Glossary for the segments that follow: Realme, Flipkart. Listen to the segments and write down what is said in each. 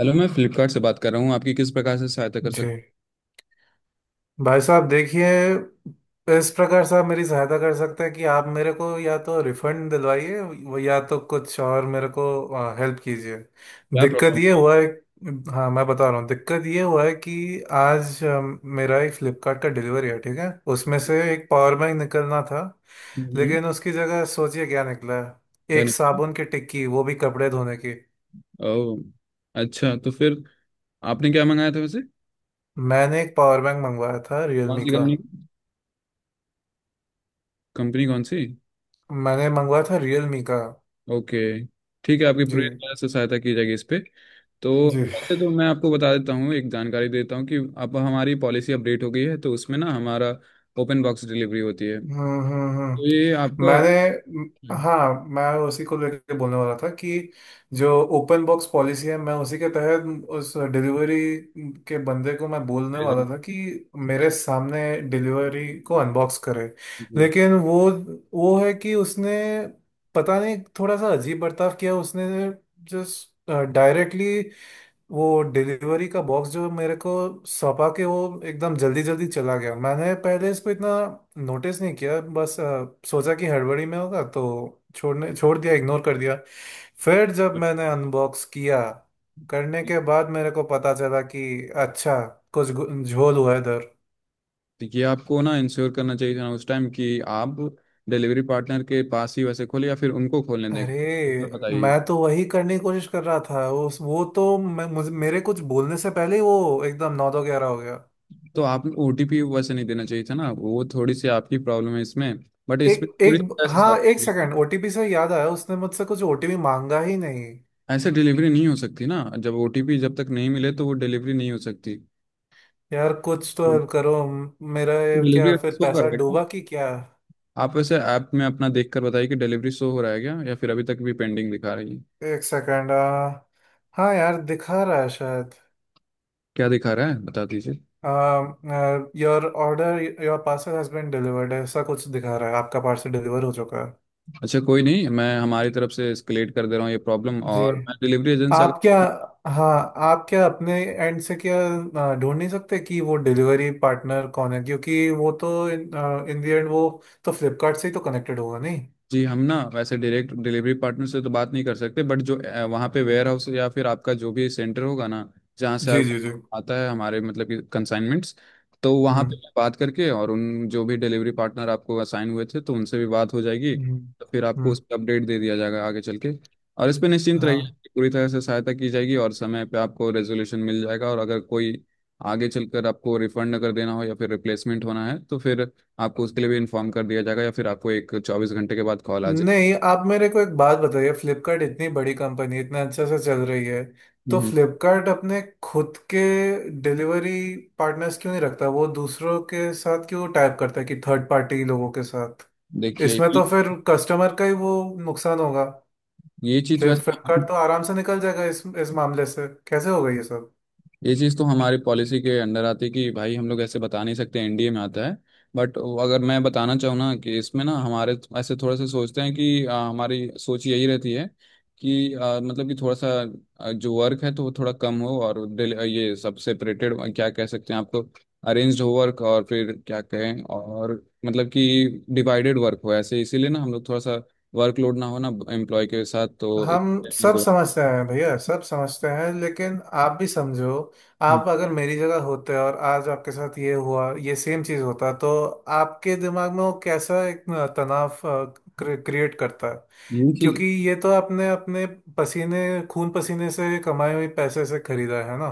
Hello, मैं फ्लिपकार्ट से बात कर रहा हूँ, आपकी किस प्रकार से सहायता कर जी। सकता। भाई साहब देखिए, इस प्रकार से आप मेरी सहायता कर सकते हैं कि आप मेरे को या तो रिफंड दिलवाइए, वो या तो कुछ और मेरे को हेल्प कीजिए। क्या दिक्कत प्रॉब्लम ये है? हुआ है, हाँ मैं बता रहा हूँ, दिक्कत ये हुआ है कि आज मेरा एक फ्लिपकार्ट का डिलीवरी है, ठीक है, उसमें से एक पावर बैंक निकलना था, हम्म। लेकिन उसकी जगह सोचिए क्या निकला है, क्या एक निपटा। साबुन की टिक्की, वो भी कपड़े धोने की। ओ। अच्छा, तो फिर आपने क्या मंगाया था वैसे? मैंने एक पावर बैंक मंगवाया था कौन रियलमी सी का। कंपनी? कंपनी कौन सी? मैंने मंगवाया था रियलमी का। ओके। ठीक है, आपकी जी। पूरी तरह से सहायता की जाएगी इस पे। तो जी। वैसे तो मैं आपको बता देता हूँ, एक जानकारी देता हूँ कि अब हमारी पॉलिसी अपडेट हो गई है तो उसमें ना हमारा ओपन बॉक्स डिलीवरी होती है। तो हम्म हम्म हम्म। ये आपका। मैंने हाँ, मैं उसी को लेकर बोलने वाला था कि जो ओपन बॉक्स पॉलिसी है, मैं उसी के तहत उस डिलीवरी के बंदे को मैं बोलने वाला था कि मेरे सामने डिलीवरी को अनबॉक्स करे। लेकिन वो है कि उसने, पता नहीं, थोड़ा सा अजीब बर्ताव किया उसने। जस्ट डायरेक्टली वो डिलीवरी का बॉक्स जो मेरे को सौंपा के वो एकदम जल्दी जल्दी चला गया। मैंने पहले इसको इतना नोटिस नहीं किया, बस सोचा कि हड़बड़ी में होगा तो छोड़ दिया, इग्नोर कर दिया। फिर जब मैंने अनबॉक्स किया, करने जी। के बाद मेरे को पता चला कि अच्छा, कुछ झोल हुआ है इधर। तो ये आपको ना इंश्योर करना चाहिए था ना उस टाइम कि आप डिलीवरी पार्टनर के पास ही वैसे खोले या फिर उनको खोलने दें। अरे, मतलब मैं बताइए। तो वही करने की कोशिश कर रहा था, उस वो तो मैं मुझे मेरे कुछ बोलने से पहले ही वो एकदम नौ दो ग्यारह हो गया। तो आप ओटीपी वैसे नहीं देना चाहिए था ना, वो थोड़ी सी आपकी प्रॉब्लम है इसमें। बट इस पे एक पूरी एक तरह से साथ हाँ एक नहीं है। सेकंड, ओटीपी से याद आया, उसने मुझसे कुछ ओटीपी मांगा ही नहीं। ऐसे डिलीवरी नहीं हो सकती ना, जब ओटीपी जब तक नहीं मिले तो वो डिलीवरी नहीं हो सकती। यार कुछ तो हेल्प करो, मेरा ये क्या डिलीवरी फिर शो कर पैसा रहा है क्या? डूबा कि क्या। आप वैसे ऐप में अपना देख कर बताइए कि डिलीवरी शो हो रहा है क्या या फिर अभी तक भी पेंडिंग दिखा रही है। एक सेकंड। हाँ यार दिखा रहा है शायद। क्या दिखा रहा है बता दीजिए। Your order, your parcel has been delivered, ऐसा कुछ दिखा रहा है, आपका पार्सल डिलीवर हो चुका है। अच्छा, कोई नहीं, मैं हमारी तरफ से एस्केलेट कर दे रहा हूँ ये प्रॉब्लम, जी। और मैं डिलीवरी एजेंट से आप क्या अगर। हाँ, आप क्या अपने एंड से क्या ढूंढ नहीं सकते कि वो डिलीवरी पार्टनर कौन है? क्योंकि वो तो इन द एंड वो तो फ्लिपकार्ट से ही तो कनेक्टेड होगा नहीं। जी। हम ना वैसे डायरेक्ट डिलीवरी पार्टनर से तो बात नहीं कर सकते, बट जो वहाँ पे वेयर हाउस या फिर आपका जो भी सेंटर होगा ना, जहाँ से जी जी जी। आता है हमारे मतलब कि कंसाइनमेंट्स, तो वहाँ पे हम्म मैं बात करके, और उन जो भी डिलीवरी पार्टनर आपको असाइन हुए थे तो उनसे भी बात हो जाएगी, हम्म तो फिर आपको हम्म, उस पर अपडेट दे दिया जाएगा आगे चल के। और इस पे निश्चिंत रहिए हाँ। कि पूरी तरह से सहायता की जाएगी और समय पे आपको रेजोल्यूशन मिल जाएगा, और अगर कोई आगे चलकर आपको रिफंड अगर देना हो या फिर रिप्लेसमेंट होना है तो फिर आपको उसके लिए भी इन्फॉर्म कर दिया जाएगा, या फिर आपको एक 24 घंटे के बाद कॉल आ जाए। नहीं आप मेरे को एक बात बताइए, फ्लिपकार्ट इतनी बड़ी कंपनी इतना अच्छे से चल रही है, तो हम्म। फ्लिपकार्ट अपने खुद के डिलीवरी पार्टनर्स क्यों नहीं रखता? वो दूसरों के साथ क्यों टाइप करता है कि थर्ड पार्टी लोगों के साथ? देखिए। इसमें तो फिर कस्टमर का ही वो नुकसान होगा, ये चीज फिर वैसे। फ्लिपकार्ट तो आराम से निकल जाएगा इस मामले से। कैसे होगा ये सब? ये चीज़ तो हमारी पॉलिसी के अंडर आती है कि भाई, हम लोग ऐसे बता नहीं सकते, एनडीए में आता है। बट अगर मैं बताना चाहूँ ना कि इसमें ना हमारे ऐसे थोड़ा सा सोचते हैं कि हमारी सोच यही रहती है कि मतलब कि थोड़ा सा जो वर्क है तो वो थोड़ा कम हो, और ये सब सेपरेटेड क्या कह सकते हैं आपको अरेंज्ड हो वर्क, और फिर क्या कहें, और मतलब कि डिवाइडेड वर्क हो ऐसे, इसीलिए ना हम लोग थोड़ा सा वर्कलोड ना हो ना एम्प्लॉय के साथ तो हम सब समझते हैं भैया, सब समझते हैं, लेकिन आप भी समझो। आप अगर मेरी जगह होते और आज आपके साथ ये हुआ, ये सेम चीज होता, तो आपके दिमाग में वो कैसा एक तनाव क्रिएट करता है। ये चीज। क्योंकि ये तो आपने अपने पसीने, खून पसीने से कमाए हुए पैसे से खरीदा है ना।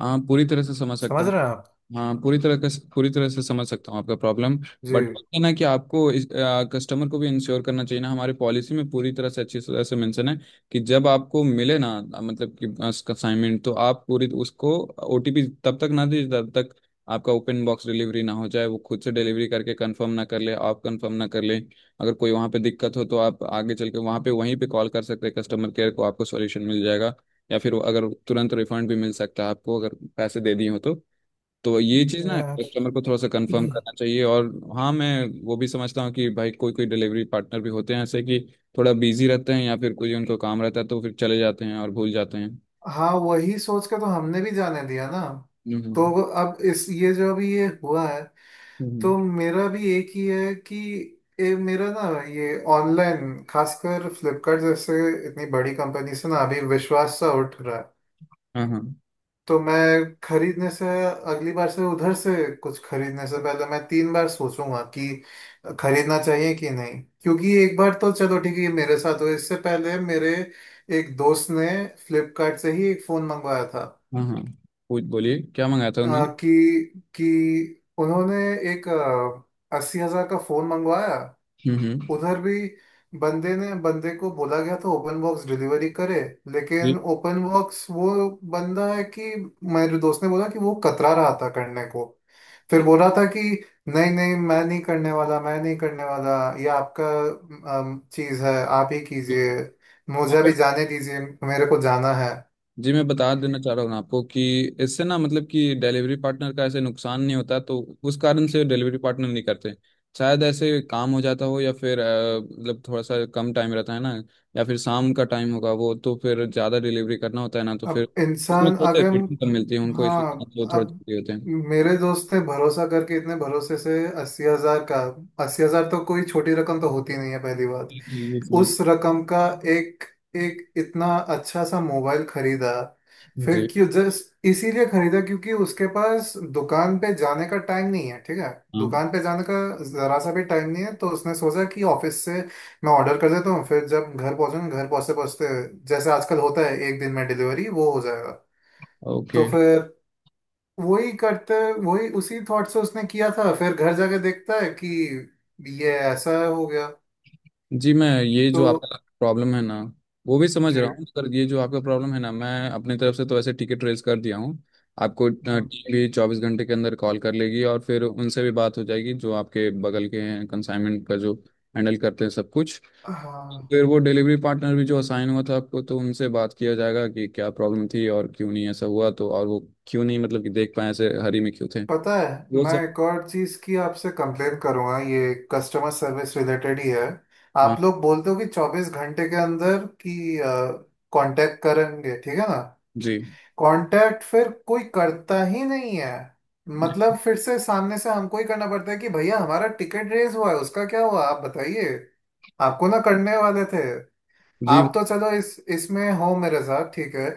हाँ, पूरी तरह से समझ सकता समझ हूँ। रहे हैं आप? हाँ पूरी तरह का, पूरी तरह से समझ सकता हूँ आपका प्रॉब्लम। जी। बट है ना कि आपको इस कस्टमर को भी इंश्योर करना चाहिए ना, हमारे पॉलिसी में पूरी तरह से अच्छी तरह से मेंशन है कि जब आपको मिले ना मतलब कि असाइनमेंट, तो आप पूरी उसको ओटीपी तब तक ना दीजिए तब तक आपका ओपन बॉक्स डिलीवरी ना हो जाए, वो खुद से डिलीवरी करके कंफर्म ना कर ले, आप कंफर्म ना कर ले। अगर कोई वहाँ पे दिक्कत हो तो आप आगे चल के वहाँ पे वहीं पे कॉल कर सकते हैं कस्टमर केयर को, आपको सॉल्यूशन मिल जाएगा। या फिर अगर तुरंत रिफंड भी मिल सकता है आपको अगर पैसे दे दिए हो तो। तो ये चीज़ ना यार, कस्टमर को थोड़ा सा कंफर्म करना चाहिए, और हाँ, मैं वो भी समझता हूँ कि भाई कोई कोई डिलीवरी पार्टनर भी होते हैं ऐसे कि थोड़ा बिजी रहते हैं या फिर कोई उनको काम रहता है तो फिर चले जाते हैं और भूल जाते हैं। हाँ वही सोच के तो हमने भी जाने दिया ना। तो हम्म। अब इस ये जो अभी ये हुआ है, हम्म। तो मेरा भी एक ही है कि ये मेरा ना ये ऑनलाइन, खासकर फ्लिपकार्ट जैसे इतनी बड़ी कंपनी से ना अभी विश्वास सा उठ रहा है। हाँ, हाँ। तो मैं खरीदने से अगली बार से उधर से कुछ खरीदने से पहले मैं तीन बार सोचूंगा कि खरीदना चाहिए कि नहीं, क्योंकि एक बार तो चलो ठीक है ये मेरे साथ हुआ। इससे पहले मेरे एक दोस्त ने फ्लिपकार्ट से ही एक फ़ोन मंगवाया था। हाँ, हाँ। पूछ बोलिए क्या मंगाया था अ, उन्होंने? कि उन्होंने एक 80 हज़ार का फ़ोन मंगवाया। हम्म। हम्म। उधर भी बंदे को बोला गया था ओपन बॉक्स डिलीवरी करे, लेकिन ओपन बॉक्स वो बंदा है कि, मेरे दोस्त ने बोला कि वो कतरा रहा था करने को। फिर बोल रहा था कि नहीं नहीं मैं नहीं करने वाला, मैं नहीं करने वाला, ये आपका चीज़ है, आप ही ये- कीजिए, मुझे भी जाने दीजिए, मेरे को जाना है। जी, मैं बता देना चाह रहा हूँ आपको कि इससे ना मतलब कि डिलीवरी पार्टनर का ऐसे नुकसान नहीं होता तो उस कारण से डिलीवरी पार्टनर नहीं करते, शायद ऐसे काम हो जाता हो, या फिर मतलब थोड़ा सा कम टाइम रहता है ना, या फिर शाम का टाइम होगा वो तो फिर ज़्यादा डिलीवरी करना होता है ना, तो फिर अब उसमें इंसान थोड़ी सी अगर, रेटिंग कम मिलती है उनको, इसी कारण हाँ से थोड़े अब, जल्दी होते हैं। मेरे दोस्त ने भरोसा करके इतने भरोसे से 80 हज़ार का, 80 हज़ार तो कोई छोटी रकम तो होती नहीं है, पहली बात। जी ये समझ। उस रकम का एक एक इतना अच्छा सा मोबाइल खरीदा। फिर जी। क्यों, जस्ट इसीलिए खरीदा क्योंकि उसके पास दुकान पे जाने का टाइम नहीं है, ठीक है, हाँ। दुकान पे जाने का जरा सा भी टाइम नहीं है, तो उसने सोचा कि ऑफिस से मैं ऑर्डर कर देता हूँ, फिर जब घर पहुँचूंगा, घर पहुँचते पहुँचते, जैसे आजकल होता है एक दिन में डिलीवरी, वो हो जाएगा। ओके। तो फिर वही करते वही उसी थॉट से उसने किया था। फिर घर जाके देखता है कि ये ऐसा हो गया। जी, मैं ये तो जो आपका प्रॉब्लम है ना वो भी समझ जी। रहा हूँ, पर ये जो आपका प्रॉब्लम है ना, मैं अपनी तरफ से तो वैसे टिकट रेज कर दिया हूँ। आपको टीम हम्म, भी 24 घंटे के अंदर कॉल कर लेगी, और फिर उनसे भी बात हो जाएगी जो आपके बगल के हैं कंसाइनमेंट का जो हैंडल करते हैं सब कुछ। हाँ। फिर वो डिलीवरी पार्टनर भी जो असाइन हुआ था आपको, तो उनसे बात किया जाएगा कि क्या प्रॉब्लम थी और क्यों नहीं ऐसा हुआ तो, और वो क्यों नहीं मतलब कि देख पाए ऐसे हरी में क्यों थे पता है, वो मैं सब। एक और चीज़ की आपसे कंप्लेन करूँगा, ये कस्टमर सर्विस रिलेटेड ही है। हाँ। आप लोग बोलते हो कि 24 घंटे के अंदर कि कांटेक्ट करेंगे, ठीक है ना। जी कांटेक्ट फिर कोई करता ही नहीं है, मतलब फिर से सामने से हमको ही करना पड़ता है कि भैया हमारा टिकट रेस हुआ है उसका क्या हुआ, आप बताइए। आपको ना करने वाले थे। जी आप तो चलो इस इसमें हो मेरे साथ, ठीक है,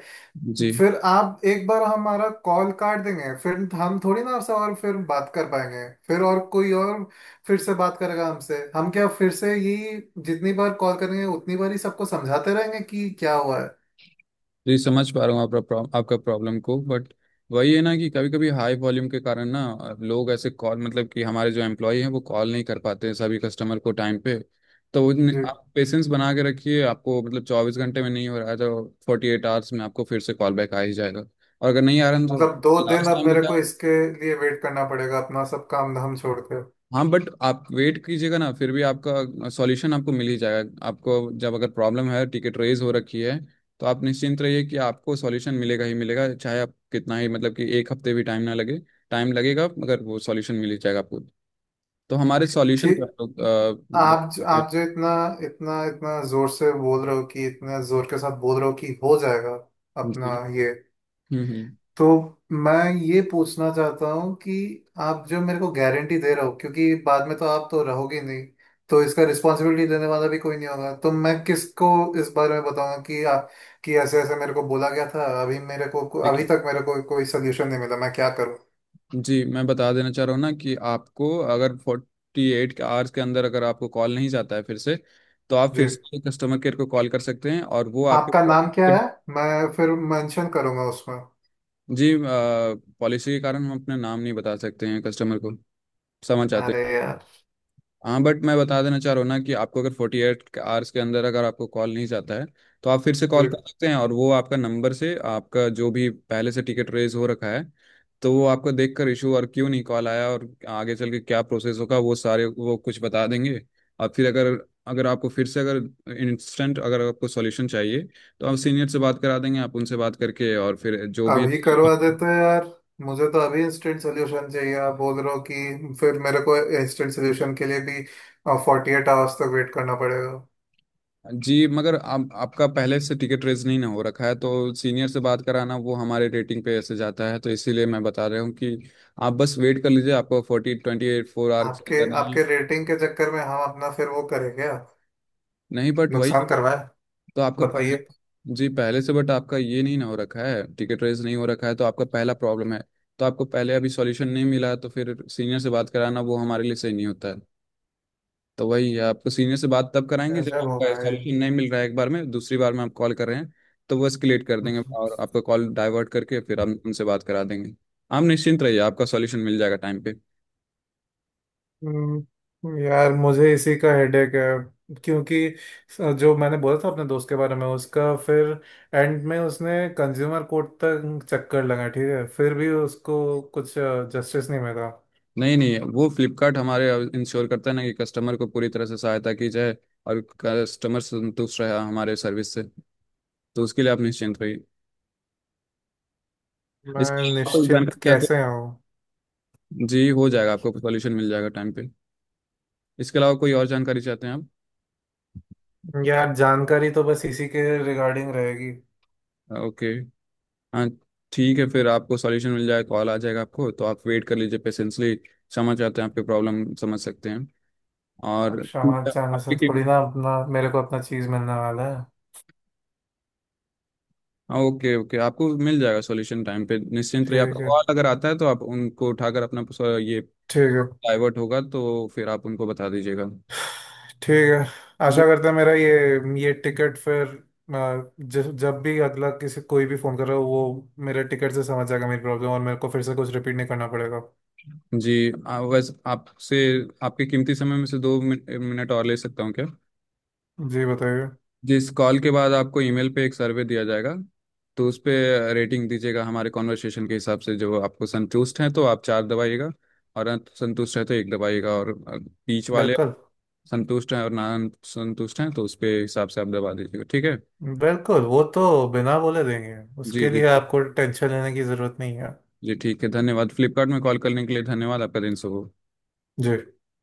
जी। फिर आप एक बार हमारा कॉल काट देंगे, फिर हम थोड़ी ना आपसे और फिर बात कर पाएंगे, फिर और कोई और फिर से बात करेगा हमसे। हम क्या फिर से यही, जितनी बार कॉल करेंगे उतनी बार ही सबको समझाते रहेंगे कि क्या हुआ है। जी, समझ पा रहा हूँ आपका प्रॉब- आपका प्रॉब्लम को, बट वही है ना कि कभी कभी हाई वॉल्यूम के कारण ना लोग ऐसे कॉल, मतलब कि हमारे जो एम्प्लॉय हैं वो कॉल नहीं कर पाते हैं सभी कस्टमर को टाइम पे, तो जी। आप पेशेंस बना के रखिए। आपको मतलब 24 घंटे में नहीं हो रहा है तो 48 आवर्स में आपको फिर से कॉल बैक आ ही जाएगा, और अगर नहीं आ रहा है, तो मतलब 2 दिन लास्ट अब टाइम। मेरे को इसके लिए वेट करना पड़ेगा अपना सब काम धाम छोड़ कर? हाँ, बट आप वेट कीजिएगा ना फिर भी, आपका सॉल्यूशन आपको मिल ही जाएगा। आपको जब अगर प्रॉब्लम है, टिकट रेज हो रखी है, तो आप निश्चिंत रहिए कि आपको सॉल्यूशन मिलेगा ही मिलेगा, चाहे आप कितना ही मतलब कि एक हफ्ते भी टाइम ना लगे, टाइम लगेगा मगर वो सॉल्यूशन मिल ही जाएगा आपको। तो हमारे सॉल्यूशन पे ठीक। आप लोग गौर आप करते जो इतना, इतना जोर से बोल रहे हो कि, इतना जोर के साथ बोल रहे हो कि हो जाएगा हैं। जी। अपना ये, हम्म। हम्म। तो मैं ये पूछना चाहता हूँ कि आप जो मेरे को गारंटी दे रहे हो, क्योंकि बाद में तो आप तो रहोगे नहीं, तो इसका रिस्पॉन्सिबिलिटी लेने वाला भी कोई नहीं होगा। तो मैं किसको इस बारे में बताऊंगा कि ऐसे ऐसे मेरे को बोला गया था, अभी मेरे को अभी देखिए। तक मेरे को कोई सोल्यूशन नहीं मिला, मैं क्या करूँ? जी, मैं बता देना चाह रहा हूँ ना कि आपको अगर 48 आवर्स के अंदर अगर आपको कॉल नहीं जाता है फिर से, तो आप जी फिर से कस्टमर केयर को कॉल कर सकते हैं और वो आपके। आपका नाम क्या है? मैं फिर मेंशन करूंगा उसमें। जी। पॉलिसी के कारण हम अपना नाम नहीं बता सकते हैं कस्टमर को, समझ आते अरे हैं। यार। हाँ, बट मैं बता देना चाह रहा हूँ ना कि आपको अगर फोर्टी एट आवर्स के अंदर अगर आपको कॉल नहीं जाता है, तो आप फिर से जी कॉल कर सकते हैं और वो आपका नंबर से आपका जो भी पहले से टिकट रेज हो रखा है, तो वो आपको देख कर इशू और क्यों नहीं कॉल आया और आगे चल के क्या प्रोसेस होगा, वो सारे वो कुछ बता देंगे। और फिर अगर, अगर आपको फिर से अगर इंस्टेंट अगर आपको सॉल्यूशन चाहिए, तो आप सीनियर से बात करा देंगे, आप उनसे बात करके और फिर जो भी। अभी करवा देते हैं यार, मुझे तो अभी इंस्टेंट सोल्यूशन चाहिए। आप बोल रहे हो कि फिर मेरे को इंस्टेंट सोल्यूशन के लिए भी 48 आवर्स तक वेट करना पड़ेगा? जी मगर आप, आपका पहले से टिकट रेज नहीं ना हो रखा है तो सीनियर से बात कराना वो हमारे रेटिंग पे ऐसे जाता है, तो इसीलिए मैं बता रहा हूँ कि आप बस वेट कर लीजिए, आपको forty twenty eight four hours आपके अंदर नहीं। आपके रेटिंग के चक्कर में हम अपना फिर वो करें क्या, नहीं बट वही, नुकसान करवाए? तो आपका पहले। बताइए। जी पहले से, बट आपका ये नहीं ना हो रखा है, टिकट रेज नहीं हो रखा है तो आपका पहला प्रॉब्लम है, तो आपको पहले अभी सॉल्यूशन नहीं मिला है, तो फिर सीनियर से बात कराना वो हमारे लिए सही नहीं होता है। तो वही आपको सीनियर से बात तब कराएंगे जब गजब हो आपका भाई। सोल्यूशन नहीं मिल रहा है, एक बार में, दूसरी बार में आप कॉल कर रहे हैं, तो वो एस्केलेट कर देंगे और आपका कॉल डाइवर्ट करके फिर हम उनसे बात करा देंगे। आप निश्चिंत रहिए, आपका सॉल्यूशन मिल जाएगा टाइम पे। यार मुझे इसी का हेडेक है, क्योंकि जो मैंने बोला था अपने दोस्त के बारे में, उसका फिर एंड में उसने कंज्यूमर कोर्ट तक चक्कर लगा, ठीक है, फिर भी उसको कुछ जस्टिस नहीं मिला। नहीं नहीं, वो फ्लिपकार्ट हमारे इंश्योर करता है ना कि कस्टमर को पूरी तरह से सहायता की जाए, और कस्टमर संतुष्ट रहा हमारे सर्विस से, तो उसके लिए आप निश्चिंत रहिए। इसके मैं अलावा कोई निश्चिंत जानकारी चाहते कैसे हूँ? हैं? जी हो जाएगा, आपको सॉल्यूशन मिल जाएगा टाइम पे। इसके अलावा कोई और जानकारी चाहते हैं आप? यार जानकारी तो बस इसी के रिगार्डिंग रहेगी। ओके। हाँ। ठीक है फिर, आपको सॉल्यूशन मिल जाए, कॉल आ जाएगा आपको, तो आप वेट कर लीजिए पेशेंसली। क्षमा चाहते हैं, आपकी प्रॉब्लम समझ सकते हैं, और अब क्षमा चाहने से आपकी थोड़ी टीम। ना अपना, मेरे को अपना चीज़ मिलने वाला है। हाँ ओके, ओके, आपको मिल जाएगा सॉल्यूशन टाइम पे, निश्चिंत रहिए। आपका ठीक है। कॉल अगर आता है तो आप उनको उठाकर अपना ये ठीक है। डाइवर्ट होगा तो फिर आप उनको बता दीजिएगा। ठीक है आशा जी। करते हैं मेरा ये टिकट फिर, जब भी अगला किसी कोई भी फोन कर रहा हो, वो मेरे टिकट से समझ जाएगा मेरी प्रॉब्लम और मेरे को फिर से कुछ रिपीट नहीं करना पड़ेगा। जी वैसे आपसे आपके कीमती समय में से दो मिनट और ले सकता हूँ क्या? जी बताइए। जी इस कॉल के बाद आपको ईमेल पे एक सर्वे दिया जाएगा, तो उस पे रेटिंग दीजिएगा हमारे कॉन्वर्सेशन के हिसाब से, जो आपको संतुष्ट हैं तो आप 4 दबाइएगा, और संतुष्ट है तो 1 दबाइएगा, और बीच वाले बिल्कुल। संतुष्ट हैं और ना संतुष्ट हैं तो उस पे हिसाब से आप दबा दीजिएगा, ठीक है। बिल्कुल वो तो बिना बोले देंगे, जी उसके जी। लिए आपको टेंशन लेने की जरूरत नहीं है। जी ठीक है, धन्यवाद। फ्लिपकार्ट में कॉल करने के लिए धन्यवाद, आपका दिन शुभ हो। जी।